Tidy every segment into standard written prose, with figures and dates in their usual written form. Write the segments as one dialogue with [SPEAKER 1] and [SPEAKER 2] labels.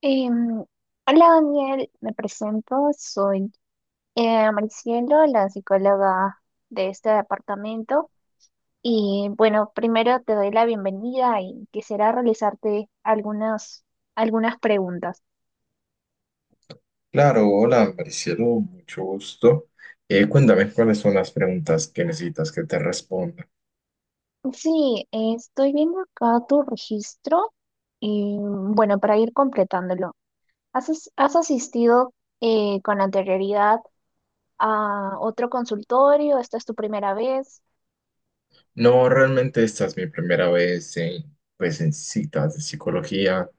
[SPEAKER 1] Em, hola Daniel, me presento, soy Maricielo, la psicóloga de este departamento. Y bueno, primero te doy la bienvenida y quisiera realizarte algunas preguntas.
[SPEAKER 2] Claro, hola, Maricielo, mucho gusto. Cuéntame cuáles son las preguntas que necesitas que te responda.
[SPEAKER 1] Sí, estoy viendo acá tu registro y bueno, para ir completándolo, has asistido con anterioridad a otro consultorio? ¿Esta es tu primera vez?
[SPEAKER 2] No, realmente esta es mi primera vez en, pues, en citas de psicología,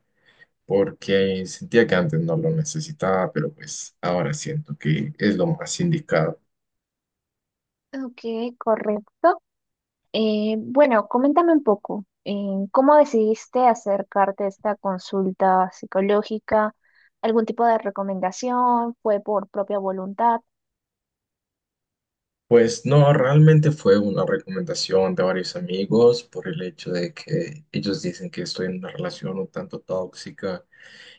[SPEAKER 2] porque sentía que antes no lo necesitaba, pero pues ahora siento que es lo más indicado.
[SPEAKER 1] Ok, correcto. Bueno, coméntame un poco, ¿cómo decidiste acercarte a esta consulta psicológica? ¿Algún tipo de recomendación? ¿Fue por propia voluntad?
[SPEAKER 2] Pues no, realmente fue una recomendación de varios amigos por el hecho de que ellos dicen que estoy en una relación un tanto tóxica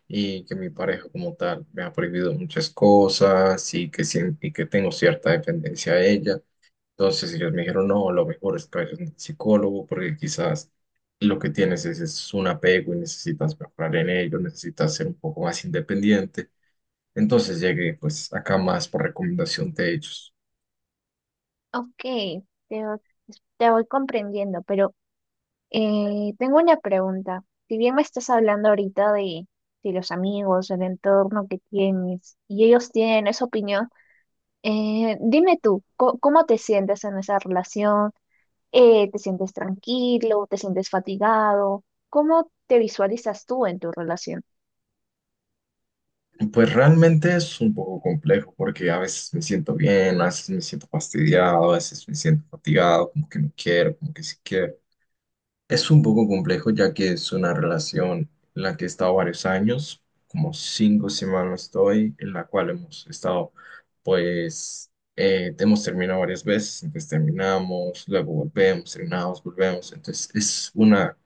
[SPEAKER 2] y que mi pareja como tal me ha prohibido muchas cosas y que, y que tengo cierta dependencia a ella. Entonces ellos me dijeron, no, lo mejor es que vayas al psicólogo porque quizás lo que tienes es un apego y necesitas mejorar en ello, necesitas ser un poco más independiente. Entonces llegué pues acá más por recomendación de ellos.
[SPEAKER 1] Ok, te, te voy comprendiendo, pero tengo una pregunta. Si bien me estás hablando ahorita de los amigos, del entorno que tienes, y ellos tienen esa opinión, dime tú, ¿cómo te sientes en esa relación? Eh, te sientes tranquilo, te sientes fatigado, ¿cómo te visualizas tú en tu relación?
[SPEAKER 2] Pues realmente es un poco complejo porque a veces me siento bien, a veces me siento fastidiado, a veces me siento fatigado, como que no quiero, como que sí quiero. Es un poco complejo ya que es una relación en la que he estado varios años, como cinco semanas estoy, en la cual hemos estado, hemos terminado varias veces, entonces terminamos, luego volvemos, terminamos, volvemos, entonces es una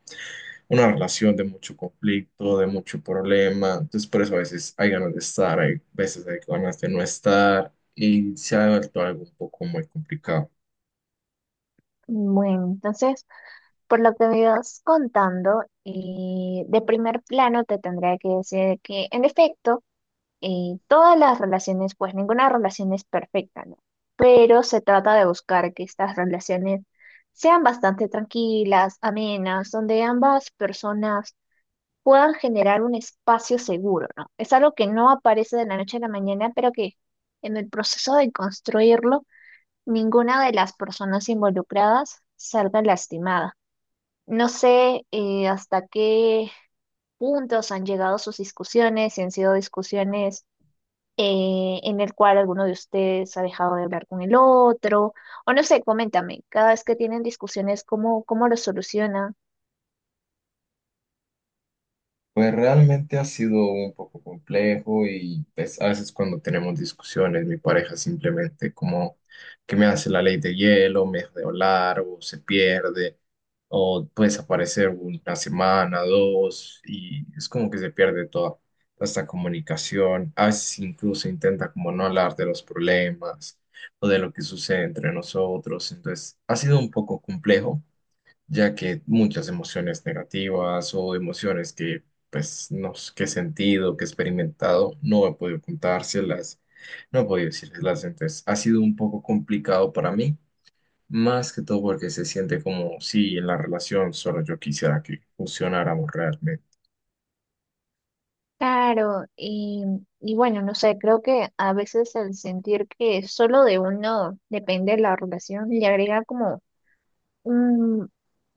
[SPEAKER 2] una relación de mucho conflicto, de mucho problema. Entonces, por eso a veces hay ganas de estar, hay veces hay ganas de no estar y se ha vuelto algo un poco muy complicado.
[SPEAKER 1] Bueno, entonces, por lo que me ibas contando, de primer plano te tendría que decir que, en efecto, todas las relaciones, pues ninguna relación es perfecta, ¿no? Pero se trata de buscar que estas relaciones sean bastante tranquilas, amenas, donde ambas personas puedan generar un espacio seguro, ¿no? Es algo que no aparece de la noche a la mañana, pero que en el proceso de construirlo, ninguna de las personas involucradas salga lastimada. No sé hasta qué puntos han llegado sus discusiones, si han sido discusiones en el cual alguno de ustedes ha dejado de hablar con el otro, o no sé, coméntame, cada vez que tienen discusiones, cómo lo solucionan?
[SPEAKER 2] Pues realmente ha sido un poco complejo y pues, a veces cuando tenemos discusiones, mi pareja simplemente como que me hace la ley de hielo, me deja de hablar o se pierde o puede desaparecer una semana, dos y es como que se pierde toda esta comunicación. A veces incluso intenta como no hablar de los problemas o de lo que sucede entre nosotros. Entonces ha sido un poco complejo ya que muchas emociones negativas o emociones que, pues, no s- que he sentido, que he experimentado, no he podido contárselas, no he podido decírselas, entonces ha sido un poco complicado para mí, más que todo porque se siente como si en la relación solo yo quisiera que funcionáramos realmente.
[SPEAKER 1] Claro, y bueno, no sé, creo que a veces el sentir que solo de uno depende la relación le agrega como un,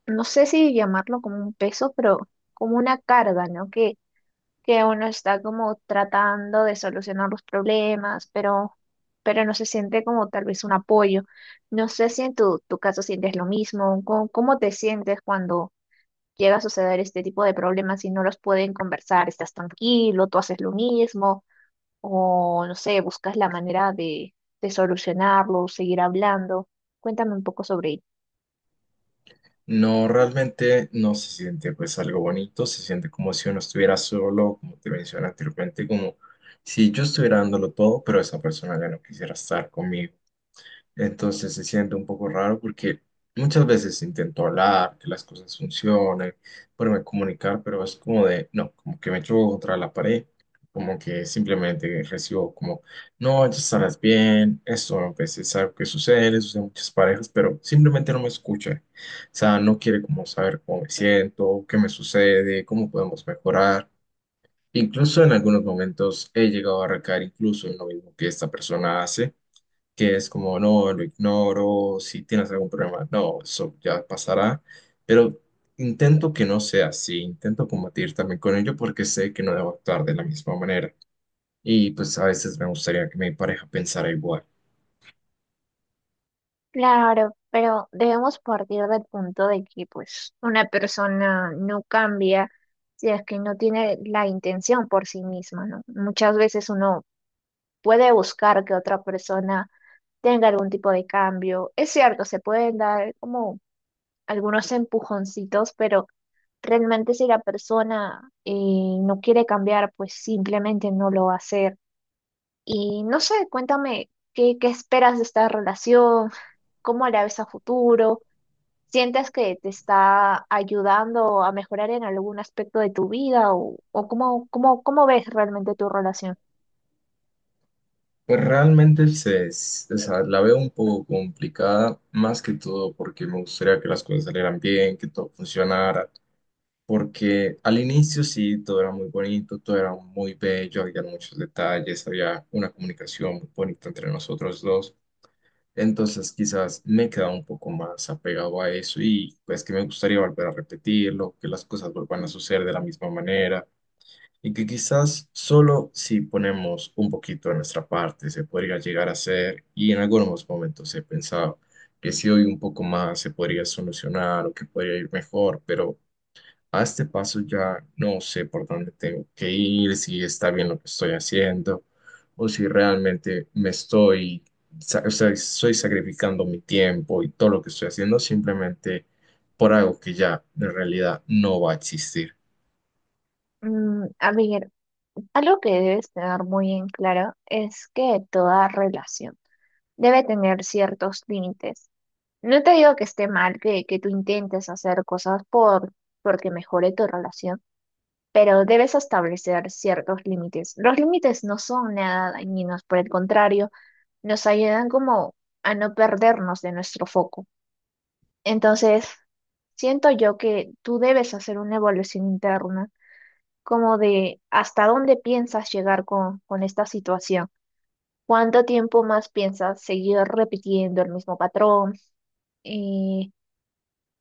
[SPEAKER 1] no sé si llamarlo como un peso, pero como una carga, ¿no? Que uno está como tratando de solucionar los problemas, pero no se siente como tal vez un apoyo. No sé si en tu caso sientes lo mismo, ¿cómo, cómo te sientes cuando llega a suceder este tipo de problemas y no los pueden conversar, estás tranquilo, tú haces lo mismo, o no sé, buscas la manera de solucionarlo, seguir hablando. Cuéntame un poco sobre ello.
[SPEAKER 2] No, realmente no se siente pues algo bonito, se siente como si uno estuviera solo, como te mencioné anteriormente, como si yo estuviera dándolo todo, pero esa persona ya no quisiera estar conmigo. Entonces se siente un poco raro porque muchas veces intento hablar, que las cosas funcionen, poderme comunicar, pero es como de, no, como que me choco contra la pared, como que simplemente recibo como, no, ya estarás bien, esto a veces es algo que sucede, le sucede a muchas parejas, pero simplemente no me escucha. O sea, no quiere como saber cómo me siento, qué me sucede, cómo podemos mejorar. Incluso en algunos momentos he llegado a recaer incluso en lo mismo que esta persona hace, que es como, no, lo ignoro, si tienes algún problema, no, eso ya pasará, pero intento que no sea así, intento combatir también con ello porque sé que no debo actuar de la misma manera y pues a veces me gustaría que mi pareja pensara igual.
[SPEAKER 1] Claro, pero debemos partir del punto de que pues una persona no cambia si es que no tiene la intención por sí misma, ¿no? Muchas veces uno puede buscar que otra persona tenga algún tipo de cambio. Es cierto, se pueden dar como algunos empujoncitos, pero realmente si la persona no quiere cambiar, pues simplemente no lo va a hacer. Y no sé, cuéntame, qué esperas de esta relación? ¿Cómo la ves a futuro? ¿Sientes que te está ayudando a mejorar en algún aspecto de tu vida o cómo ves realmente tu relación?
[SPEAKER 2] Pues realmente o sea, la veo un poco complicada, más que todo porque me gustaría que las cosas salieran bien, que todo funcionara porque al inicio sí, todo era muy bonito, todo era muy bello, había muchos detalles, había una comunicación muy bonita entre nosotros dos. Entonces quizás me quedaba un poco más apegado a eso y pues que me gustaría volver a repetirlo, que las cosas vuelvan a suceder de la misma manera y que quizás solo si ponemos un poquito de nuestra parte se podría llegar a hacer y en algunos momentos he pensado que si doy un poco más se podría solucionar o que podría ir mejor, pero a este paso ya no sé por dónde tengo que ir, si está bien lo que estoy haciendo o si realmente me o sea, estoy sacrificando mi tiempo y todo lo que estoy haciendo simplemente por algo que ya en realidad no va a existir.
[SPEAKER 1] Mm, a ver, algo que debes tener muy en claro es que toda relación debe tener ciertos límites. No te digo que esté mal que tú intentes hacer cosas por porque mejore tu relación, pero debes establecer ciertos límites. Los límites no son nada dañinos, por el contrario, nos ayudan como a no perdernos de nuestro foco. Entonces, siento yo que tú debes hacer una evaluación interna, como de hasta dónde piensas llegar con esta situación. ¿Cuánto tiempo más piensas seguir repitiendo el mismo patrón? Eh,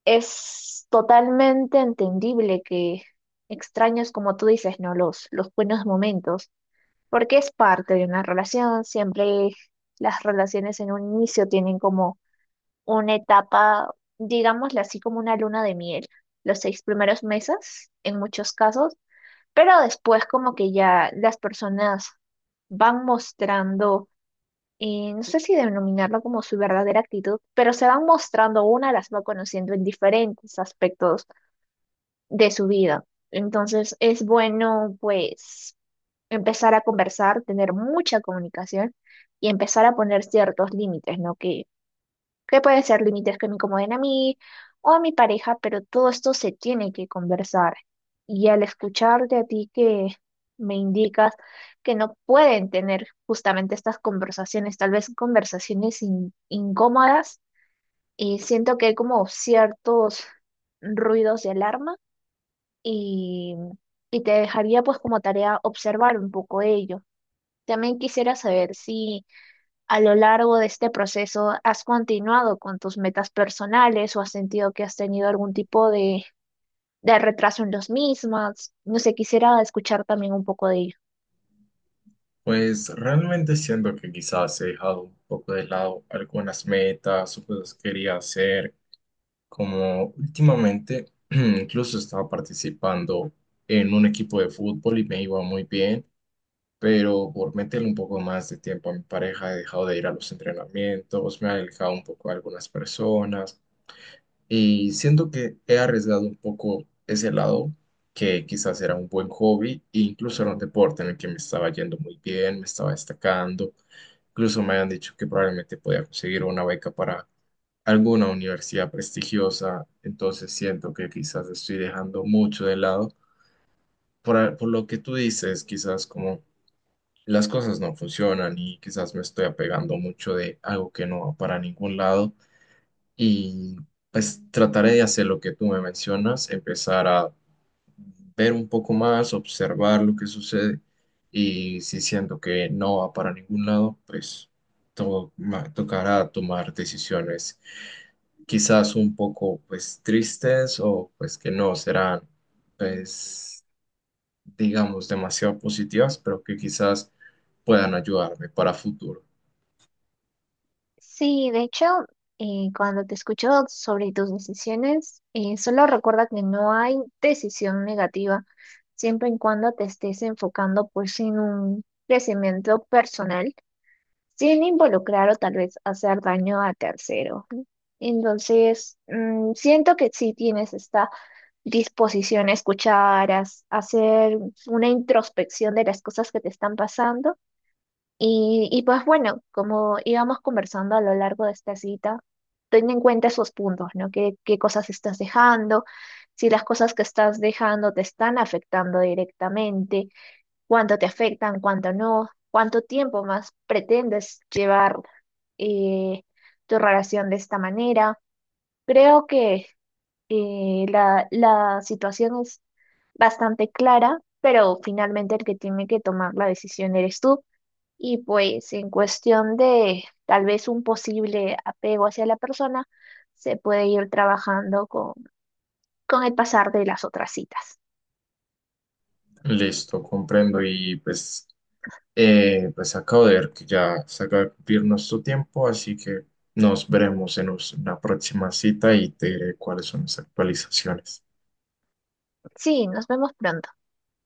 [SPEAKER 1] Es totalmente entendible que extraños, como tú dices, ¿no? Los buenos momentos, porque es parte de una relación. Siempre las relaciones en un inicio tienen como una etapa, digámosle así, como una luna de miel, los seis primeros meses, en muchos casos, pero después como que ya las personas van mostrando, no sé si denominarlo como su verdadera actitud, pero se van mostrando, una las va conociendo en diferentes aspectos de su vida. Entonces es bueno pues empezar a conversar, tener mucha comunicación y empezar a poner ciertos límites, ¿no? Que pueden ser límites que me incomoden a mí o a mi pareja, pero todo esto se tiene que conversar. Y al escucharte a ti que me indicas que no pueden tener justamente estas conversaciones, tal vez conversaciones incómodas, y siento que hay como ciertos ruidos de alarma y, y te dejaría pues como tarea observar un poco ello. También quisiera saber si a lo largo de este proceso has continuado con tus metas personales o has sentido que has tenido algún tipo de retraso en los mismas. No sé, quisiera escuchar también un poco de ello.
[SPEAKER 2] Pues realmente siento que quizás he dejado un poco de lado algunas metas o cosas que quería hacer, como últimamente incluso estaba participando en un equipo de fútbol y me iba muy bien, pero por meterle un poco más de tiempo a mi pareja he dejado de ir a los entrenamientos, me he alejado un poco de algunas personas. Y siento que he arriesgado un poco ese lado, que quizás era un buen hobby, e incluso era un deporte en el que me estaba yendo muy bien, me estaba destacando. Incluso me habían dicho que probablemente podía conseguir una beca para alguna universidad prestigiosa. Entonces siento que quizás estoy dejando mucho de lado. Por lo que tú dices, quizás como las cosas no funcionan y quizás me estoy apegando mucho de algo que no va para ningún lado. Y pues trataré de hacer lo que tú me mencionas, empezar a ver un poco más, observar lo que sucede y si siento que no va para ningún lado, pues tocará tomar decisiones quizás un poco pues tristes o pues que no serán pues digamos demasiado positivas, pero que quizás puedan ayudarme para futuro.
[SPEAKER 1] Sí, de hecho, cuando te escucho sobre tus decisiones, solo recuerda que no hay decisión negativa, siempre y cuando te estés enfocando pues en un crecimiento personal sin involucrar o tal vez hacer daño a terceros. Entonces, mm, siento que sí tienes esta disposición a escuchar, a hacer una introspección de las cosas que te están pasando. Y pues bueno, como íbamos conversando a lo largo de esta cita, ten en cuenta esos puntos, ¿no? Qué cosas estás dejando? Si las cosas que estás dejando te están afectando directamente, cuánto te afectan, cuánto no, cuánto tiempo más pretendes llevar eh, tu relación de esta manera. Creo que la situación es bastante clara, pero finalmente el que tiene que tomar la decisión eres tú. Y pues en cuestión de tal vez un posible apego hacia la persona, se puede ir trabajando con el pasar de las otras citas.
[SPEAKER 2] Listo, comprendo. Y pues, pues acabo de ver que ya se acaba de cumplir nuestro tiempo, así que nos veremos en una próxima cita y te diré cuáles son las actualizaciones.
[SPEAKER 1] Sí, nos vemos pronto.